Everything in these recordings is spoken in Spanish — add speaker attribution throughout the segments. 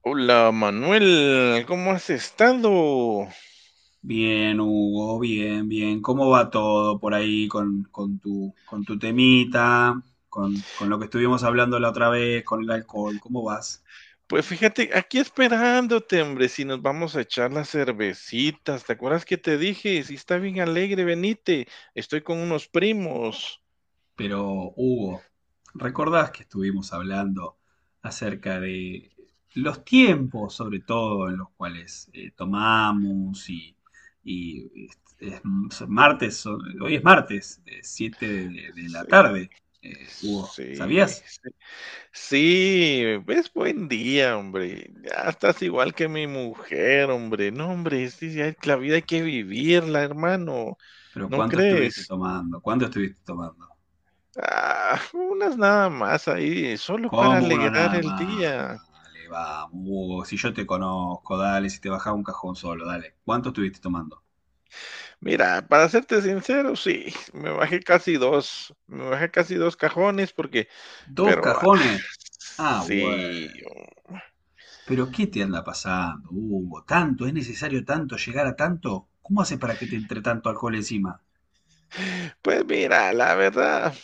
Speaker 1: Hola Manuel, ¿cómo has estado?
Speaker 2: Bien, Hugo, bien, bien. ¿Cómo va todo por ahí con tu, con tu temita, con lo que estuvimos hablando la otra vez, con el alcohol? ¿Cómo vas?
Speaker 1: Pues fíjate, aquí esperándote, hombre, si nos vamos a echar las cervecitas. ¿Te acuerdas que te dije? Si está bien alegre, venite. Estoy con unos primos.
Speaker 2: Pero, Hugo, ¿recordás que estuvimos hablando acerca de los tiempos, sobre todo, en los cuales tomamos y es martes, hoy es martes, 7 de la
Speaker 1: Sí,
Speaker 2: tarde, Hugo,
Speaker 1: sí,
Speaker 2: ¿sabías?
Speaker 1: sí. Sí, es buen día, hombre. Ya estás igual que mi mujer, hombre. No, hombre, sí, sí, hay- la vida hay que vivirla, hermano.
Speaker 2: Pero
Speaker 1: ¿No
Speaker 2: ¿cuánto estuviste
Speaker 1: crees?
Speaker 2: tomando? ¿Cuánto estuviste tomando?
Speaker 1: Unas nada más ahí, solo para
Speaker 2: Como uno
Speaker 1: alegrar
Speaker 2: nada
Speaker 1: el
Speaker 2: más.
Speaker 1: día.
Speaker 2: Dale, vamos, Hugo. Si yo te conozco, dale, si te bajaba un cajón solo, dale. ¿Cuánto estuviste tomando?
Speaker 1: Mira, para serte sincero, sí, me bajé casi 2 cajones porque
Speaker 2: ¿Dos
Speaker 1: pero, ah,
Speaker 2: cajones? Ah, bueno.
Speaker 1: sí,
Speaker 2: Pero ¿qué te anda pasando, Hugo? ¿Tanto? ¿Es necesario tanto llegar a tanto? ¿Cómo haces para que te entre tanto alcohol encima?
Speaker 1: pues mira, la verdad,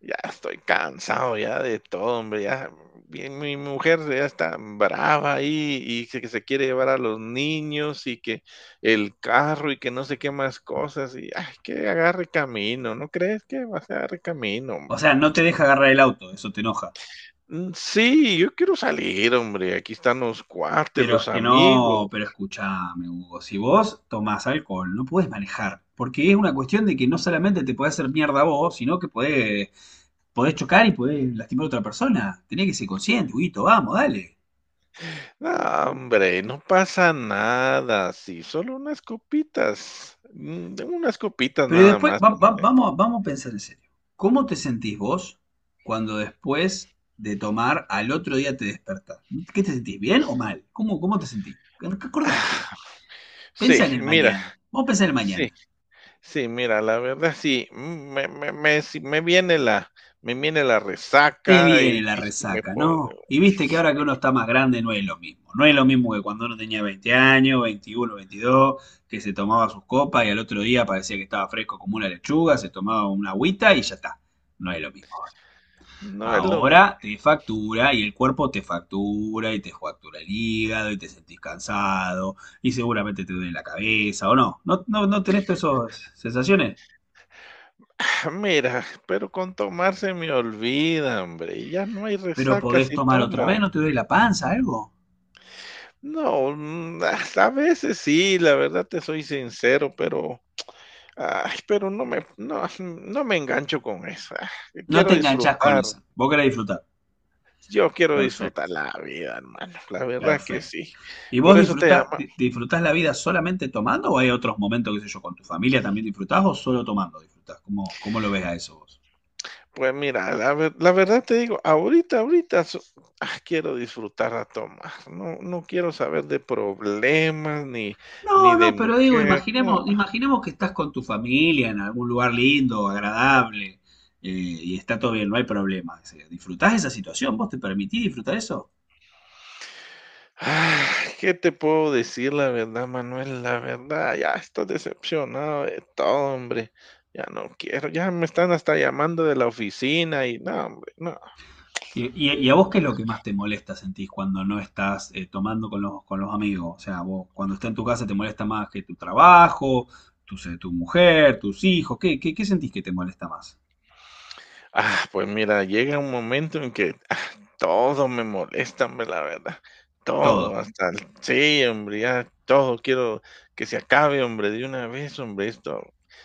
Speaker 1: ya estoy cansado ya de todo, hombre, ya, mi mujer ya está brava ahí, y que se quiere llevar a los niños, y que el carro, y que no sé qué más cosas, y, ay, que agarre camino, ¿no crees que va a agarre camino,
Speaker 2: O
Speaker 1: hombre?
Speaker 2: sea, no te deja agarrar el auto, eso te enoja.
Speaker 1: Mm, sí, yo quiero salir, hombre, aquí están los cuartos,
Speaker 2: Pero es
Speaker 1: los
Speaker 2: que
Speaker 1: amigos.
Speaker 2: no, pero escuchame, Hugo, si vos tomás alcohol, no podés manejar, porque es una cuestión de que no solamente te podés hacer mierda vos, sino que podés chocar y podés lastimar a otra persona. Tenés que ser consciente, Huguito, vamos, dale.
Speaker 1: No, hombre, no pasa nada, sí, solo unas copitas, unas copitas
Speaker 2: Pero
Speaker 1: nada
Speaker 2: después,
Speaker 1: más, hombre.
Speaker 2: vamos, vamos a pensar en serio. ¿Cómo te sentís vos cuando después de tomar al otro día te despertás? ¿Qué te sentís? ¿Bien o mal? ¿Cómo, cómo te sentís?
Speaker 1: Ah,
Speaker 2: Acordate, pensá
Speaker 1: sí,
Speaker 2: en el
Speaker 1: mira,
Speaker 2: mañana. Vamos a pensar en el
Speaker 1: sí.
Speaker 2: mañana.
Speaker 1: Sí, mira, la verdad sí, mm, me me me sí me viene la
Speaker 2: Te
Speaker 1: resaca y
Speaker 2: viene la
Speaker 1: y sí me
Speaker 2: resaca,
Speaker 1: pongo
Speaker 2: ¿no? Y viste que ahora que
Speaker 1: sí.
Speaker 2: uno está más grande no es lo mismo. No es lo mismo que cuando uno tenía 20 años, 21, 22, que se tomaba sus copas y al otro día parecía que estaba fresco como una lechuga, se tomaba una agüita y ya está. No es lo mismo ahora.
Speaker 1: No es lo mi-
Speaker 2: Ahora te factura y el cuerpo te factura y te factura el hígado y te sentís cansado y seguramente te duele la cabeza o no. ¿No, no, no tenés todas esas sensaciones?
Speaker 1: Mira, pero con tomar se me olvida, hombre, y ya no hay
Speaker 2: Pero
Speaker 1: resaca
Speaker 2: podés
Speaker 1: si
Speaker 2: tomar otra vez,
Speaker 1: tomo.
Speaker 2: no te duele la panza, algo.
Speaker 1: No, mm, a veces sí, la verdad te soy sincero, pero, ay, pero no me engancho con eso,
Speaker 2: No te enganchás con esa. Vos querés disfrutar.
Speaker 1: yo quiero disfrutar
Speaker 2: Perfecto,
Speaker 1: la vida, hermano, la verdad que
Speaker 2: perfecto.
Speaker 1: sí.
Speaker 2: ¿Y vos
Speaker 1: Por eso te
Speaker 2: disfruta,
Speaker 1: llamaba.
Speaker 2: disfrutás la vida solamente tomando o hay otros momentos, qué sé yo, con tu familia también disfrutás o solo tomando disfrutás? ¿Cómo, cómo lo ves a eso vos?
Speaker 1: Pues mira, la verdad te digo, ahorita so- quiero disfrutar a tomar, no quiero saber de problemas ni ni
Speaker 2: No,
Speaker 1: de
Speaker 2: no, pero digo,
Speaker 1: mujer.
Speaker 2: imaginemos, imaginemos que estás con tu familia en algún lugar lindo, agradable, y está todo bien, no hay problema. Disfrutás esa situación, ¿vos te permitís disfrutar eso?
Speaker 1: Ah, ¿Qué te puedo decir la verdad, Manuel? La verdad, ya estoy decepcionado de todo, hombre. Ya no quiero, ya me están hasta llamando de la oficina y no, hombre, no.
Speaker 2: ¿Y, y a vos qué es lo que más te molesta, sentís, cuando no estás tomando con los amigos? O sea, vos cuando estás en tu casa te molesta más que tu trabajo, tu, tu mujer, tus hijos. ¿Qué, qué, qué sentís que te molesta más?
Speaker 1: Pues mira, llega un momento en que todo me molesta, hombre, la verdad. Todo, oh,
Speaker 2: Todo.
Speaker 1: hasta el sí, hombre, ya todo quiero que se acabe, hombre, de una vez, hombre, esto.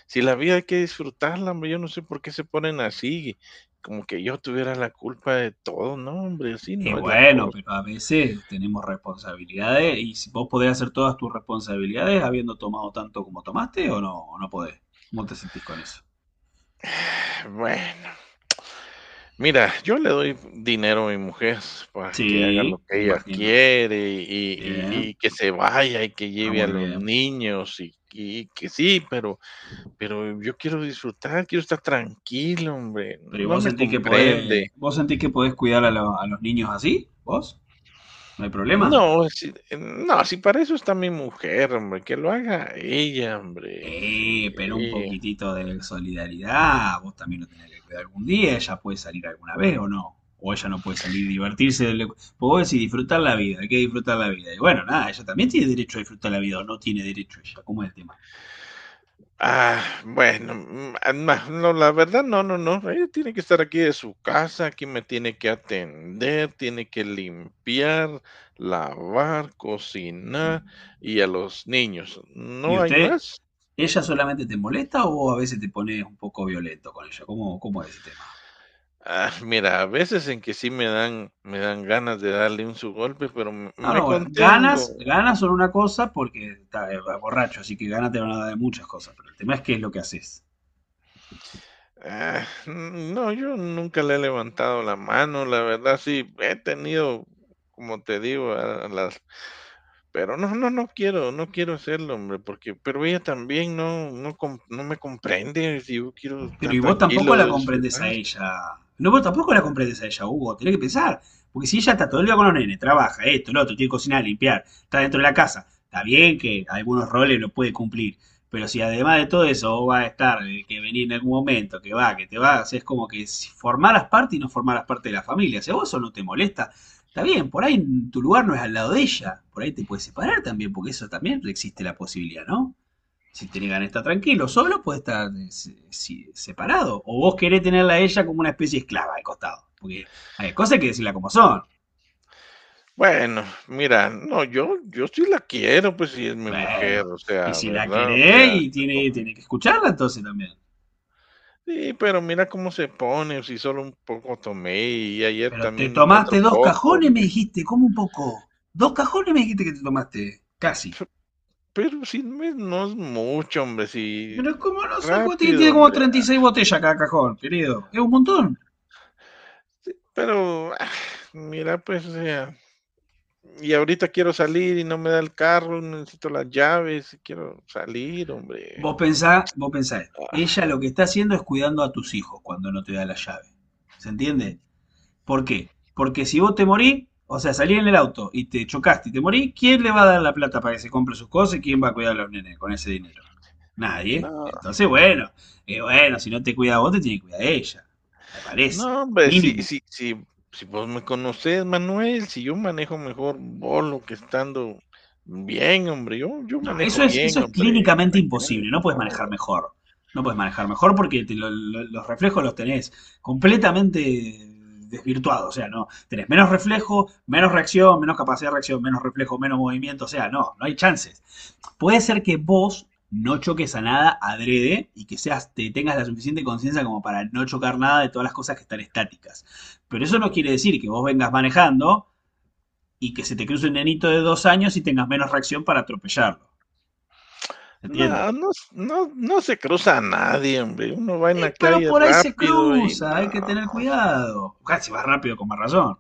Speaker 1: Si la vida hay que disfrutarla, hombre, yo no sé por qué se ponen así, como que yo tuviera la culpa de todo. No, hombre, así
Speaker 2: Y
Speaker 1: no es la
Speaker 2: bueno,
Speaker 1: cosa.
Speaker 2: pero a veces tenemos responsabilidades y si vos podés hacer todas tus responsabilidades habiendo tomado tanto como tomaste o no podés. ¿Cómo te sentís con eso?
Speaker 1: Bueno. Mira, yo le doy dinero a mi mujer para que haga lo
Speaker 2: Sí, me
Speaker 1: que ella
Speaker 2: imagino.
Speaker 1: quiere y y
Speaker 2: Bien,
Speaker 1: y que se vaya y que
Speaker 2: está
Speaker 1: lleve a
Speaker 2: muy
Speaker 1: los
Speaker 2: bien.
Speaker 1: niños y que sí, pero yo quiero disfrutar, quiero estar tranquilo, hombre,
Speaker 2: Pero ¿y
Speaker 1: no
Speaker 2: vos
Speaker 1: me
Speaker 2: sentís que podés,
Speaker 1: comprende.
Speaker 2: vos sentís que podés cuidar a, a los niños así? ¿Vos? ¿No hay problema?
Speaker 1: No, si no, si para eso está mi mujer, hombre, que lo haga ella, hombre,
Speaker 2: Pero un
Speaker 1: sí.
Speaker 2: poquitito de solidaridad, vos también lo tenés que cuidar algún día, ella puede salir alguna vez o no, o ella no puede salir y divertirse, pues vos decís disfrutar la vida, hay que disfrutar la vida, y bueno, nada, ella también tiene derecho a disfrutar la vida o no tiene derecho ella, ¿cómo es el tema?
Speaker 1: Ah, bueno, mm, ah, na No, la verdad, no, no, no. Ella tiene que estar aquí de su casa, aquí me tiene que atender, tiene que limpiar, lavar, cocinar y a los niños,
Speaker 2: ¿Y
Speaker 1: ¿no hay
Speaker 2: usted,
Speaker 1: más?
Speaker 2: ella solamente te molesta o vos a veces te pones un poco violento con ella? ¿Cómo, cómo es ese tema?
Speaker 1: Mira, a veces en que sí me dan ganas de darle un su golpe, pero m-
Speaker 2: No,
Speaker 1: me
Speaker 2: no, bueno,
Speaker 1: contengo.
Speaker 2: ganas, ganas son una cosa porque está borracho, así que ganas te van a dar de muchas cosas, pero el tema es qué es lo que haces.
Speaker 1: No, yo nunca le he levantado la mano, la verdad, sí, he tenido, como te digo, a las- Pero no, no, no quiero, no quiero hacerlo, hombre, porque pero ella también no me comprende, si yo quiero
Speaker 2: Pero
Speaker 1: estar
Speaker 2: y vos tampoco
Speaker 1: tranquilo,
Speaker 2: la
Speaker 1: de
Speaker 2: comprendés a
Speaker 1: disfrutar.
Speaker 2: ella. No, vos tampoco la comprendés a ella, Hugo. Tenés que pensar. Porque si ella está todo el día con los nenes, trabaja, esto, lo otro, tiene que cocinar, limpiar, está dentro de la casa. Está bien que algunos roles lo puede cumplir. Pero si además de todo eso vos vas a estar, que venir en algún momento, que va, que te vas, es como que si formaras parte y no formaras parte de la familia. Si a vos eso no te molesta, está bien, por ahí tu lugar no es al lado de ella. Por ahí te puedes separar también, porque eso también existe la posibilidad, ¿no? Si tiene ganas de estar tranquilo, solo puede estar separado. O vos querés tenerla a ella como una especie de esclava al costado. Porque hay cosas que decirla como son.
Speaker 1: Bueno, mira, no, yo sí la quiero, pues, si es mi mujer,
Speaker 2: Bueno,
Speaker 1: o
Speaker 2: y
Speaker 1: sea,
Speaker 2: si la
Speaker 1: ¿verdad? O
Speaker 2: querés
Speaker 1: sea,
Speaker 2: y
Speaker 1: está
Speaker 2: tiene,
Speaker 1: conmigo.
Speaker 2: tiene que escucharla entonces también.
Speaker 1: Sí, pero mira cómo se pone, si solo un poco tomé y ayer
Speaker 2: Pero te
Speaker 1: también
Speaker 2: tomaste
Speaker 1: otro
Speaker 2: dos
Speaker 1: poco,
Speaker 2: cajones, me
Speaker 1: hombre.
Speaker 2: dijiste, como un poco. Dos cajones me dijiste que te tomaste, casi.
Speaker 1: Pero si no es mucho, hombre, si
Speaker 2: Pero como no son, como tiene, tiene
Speaker 1: rápido,
Speaker 2: como
Speaker 1: hombre.
Speaker 2: 36 botellas cada cajón, querido. Es un montón.
Speaker 1: Sí, pero, mira, pues, o sea- Y ahorita quiero salir y no me da el carro, necesito las llaves, quiero salir, hombre.
Speaker 2: Vos pensá esto.
Speaker 1: Ah,
Speaker 2: Ella lo que está haciendo es cuidando a tus hijos cuando no te da la llave. ¿Se entiende? ¿Por qué? Porque si vos te morís, o sea, salí en el auto y te chocaste y te morís, ¿quién le va a dar la plata para que se compre sus cosas y quién va a cuidar a los nenes con ese dinero? Nadie.
Speaker 1: no.
Speaker 2: Entonces, bueno, bueno, si no te cuida vos, te tiene que cuidar ella. Me parece.
Speaker 1: No, hombre,
Speaker 2: Mínimo.
Speaker 1: si vos me conocés, Manuel, si yo manejo mejor bolo que estando bien, hombre, yo
Speaker 2: No,
Speaker 1: manejo
Speaker 2: eso
Speaker 1: bien,
Speaker 2: es
Speaker 1: hombre. En la
Speaker 2: clínicamente
Speaker 1: calle,
Speaker 2: imposible. No puedes
Speaker 1: no.
Speaker 2: manejar mejor. No puedes manejar mejor porque los reflejos los tenés completamente desvirtuados. O sea, no. Tenés menos reflejo, menos reacción, menos capacidad de reacción, menos reflejo, menos movimiento. O sea, no, no hay chances. Puede ser que vos no choques a nada adrede y que seas, te tengas la suficiente conciencia como para no chocar nada de todas las cosas que están estáticas. Pero eso no quiere decir que vos vengas manejando y que se te cruce un nenito de 2 años y tengas menos reacción para atropellarlo. ¿Se
Speaker 1: No,
Speaker 2: entiende?
Speaker 1: no s No, no se cruza a nadie, hombre. Uno va en la
Speaker 2: Pero
Speaker 1: calle
Speaker 2: por ahí se
Speaker 1: rápido y
Speaker 2: cruza, hay que
Speaker 1: no,
Speaker 2: tener cuidado. Casi vas rápido con más razón.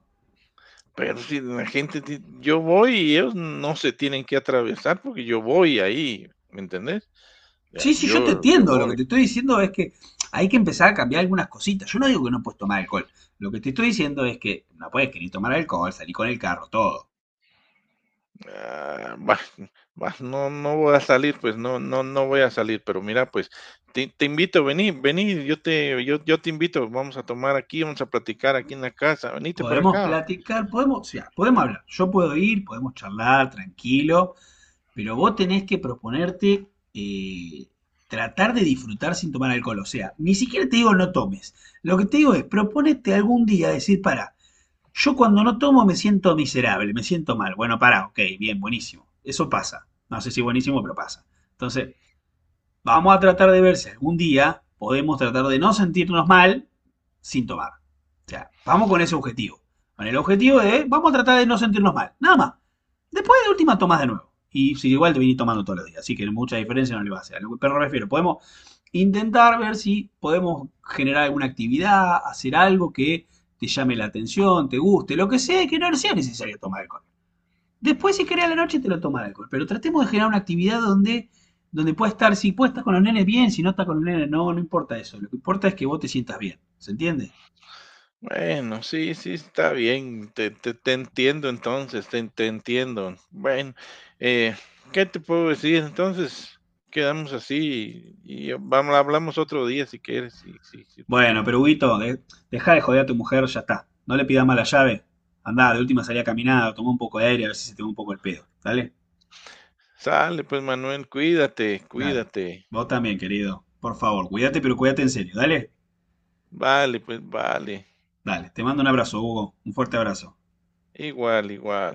Speaker 1: pero si la gente ti- yo voy y ellos no se tienen que atravesar porque yo voy ahí, ¿me entendés? Ya,
Speaker 2: Sí, sí, yo te
Speaker 1: yo
Speaker 2: entiendo. Lo
Speaker 1: voy,
Speaker 2: que te estoy diciendo es que hay que empezar a cambiar algunas cositas. Yo no digo que no puedes tomar alcohol. Lo que te estoy diciendo es que no puedes querer tomar alcohol, salir con el carro, todo.
Speaker 1: ah, bah, no voy a salir, pues, no voy a salir, pero mira, pues, te invito, vení, yo te invito, vamos a tomar aquí, vamos a platicar aquí en la casa, venite para
Speaker 2: Podemos
Speaker 1: acá.
Speaker 2: platicar, podemos, o sea, podemos hablar. Yo puedo ir, podemos charlar tranquilo, pero vos tenés que proponerte eh, tratar de disfrutar sin tomar alcohol. O sea, ni siquiera te digo no tomes. Lo que te digo es, proponete algún día decir, para, yo cuando no tomo me siento miserable, me siento mal. Bueno, para, ok, bien, buenísimo. Eso pasa. No sé si buenísimo, pero pasa. Entonces, vamos a tratar de ver si algún día podemos tratar de no sentirnos mal sin tomar. O sea, vamos con ese objetivo. Con el objetivo de, vamos a tratar de no sentirnos mal. Nada más. Después de última tomás de nuevo. Y si igual te vinís tomando todos los días, así que mucha diferencia no le va a hacer. Pero me refiero, podemos intentar ver si podemos generar alguna actividad, hacer algo que te llame la atención, te guste, lo que sea, que no sea necesario tomar alcohol. Después, si querés a la noche, te lo toma el alcohol. Pero tratemos de generar una actividad donde, donde pueda estar, si puedes estar con los nenes bien, si no estás con los nenes, no, no importa eso. Lo que importa es que vos te sientas bien. ¿Se entiende?
Speaker 1: Bueno, sí, sí, está bien, te entiendo entonces, te entiendo. Bueno, eh, ¿qué te puedo decir? Entonces, quedamos así y vamos, hablamos otro día si quieres, si tú
Speaker 2: Bueno,
Speaker 1: quieres.
Speaker 2: pero Huguito, dejá de joder a tu mujer, ya está. No le pidas más la llave. Andá, de última salí a caminar, toma un poco de aire, a ver si se te va un poco el pedo. ¿Dale?
Speaker 1: Sale, pues, Manuel, cuídate,
Speaker 2: Dale.
Speaker 1: cuídate.
Speaker 2: Vos también, querido. Por favor, cuídate, pero cuídate en serio. ¿Dale?
Speaker 1: Vale, pues vale.
Speaker 2: Dale. Te mando un abrazo, Hugo. Un fuerte abrazo.
Speaker 1: Igual, igual.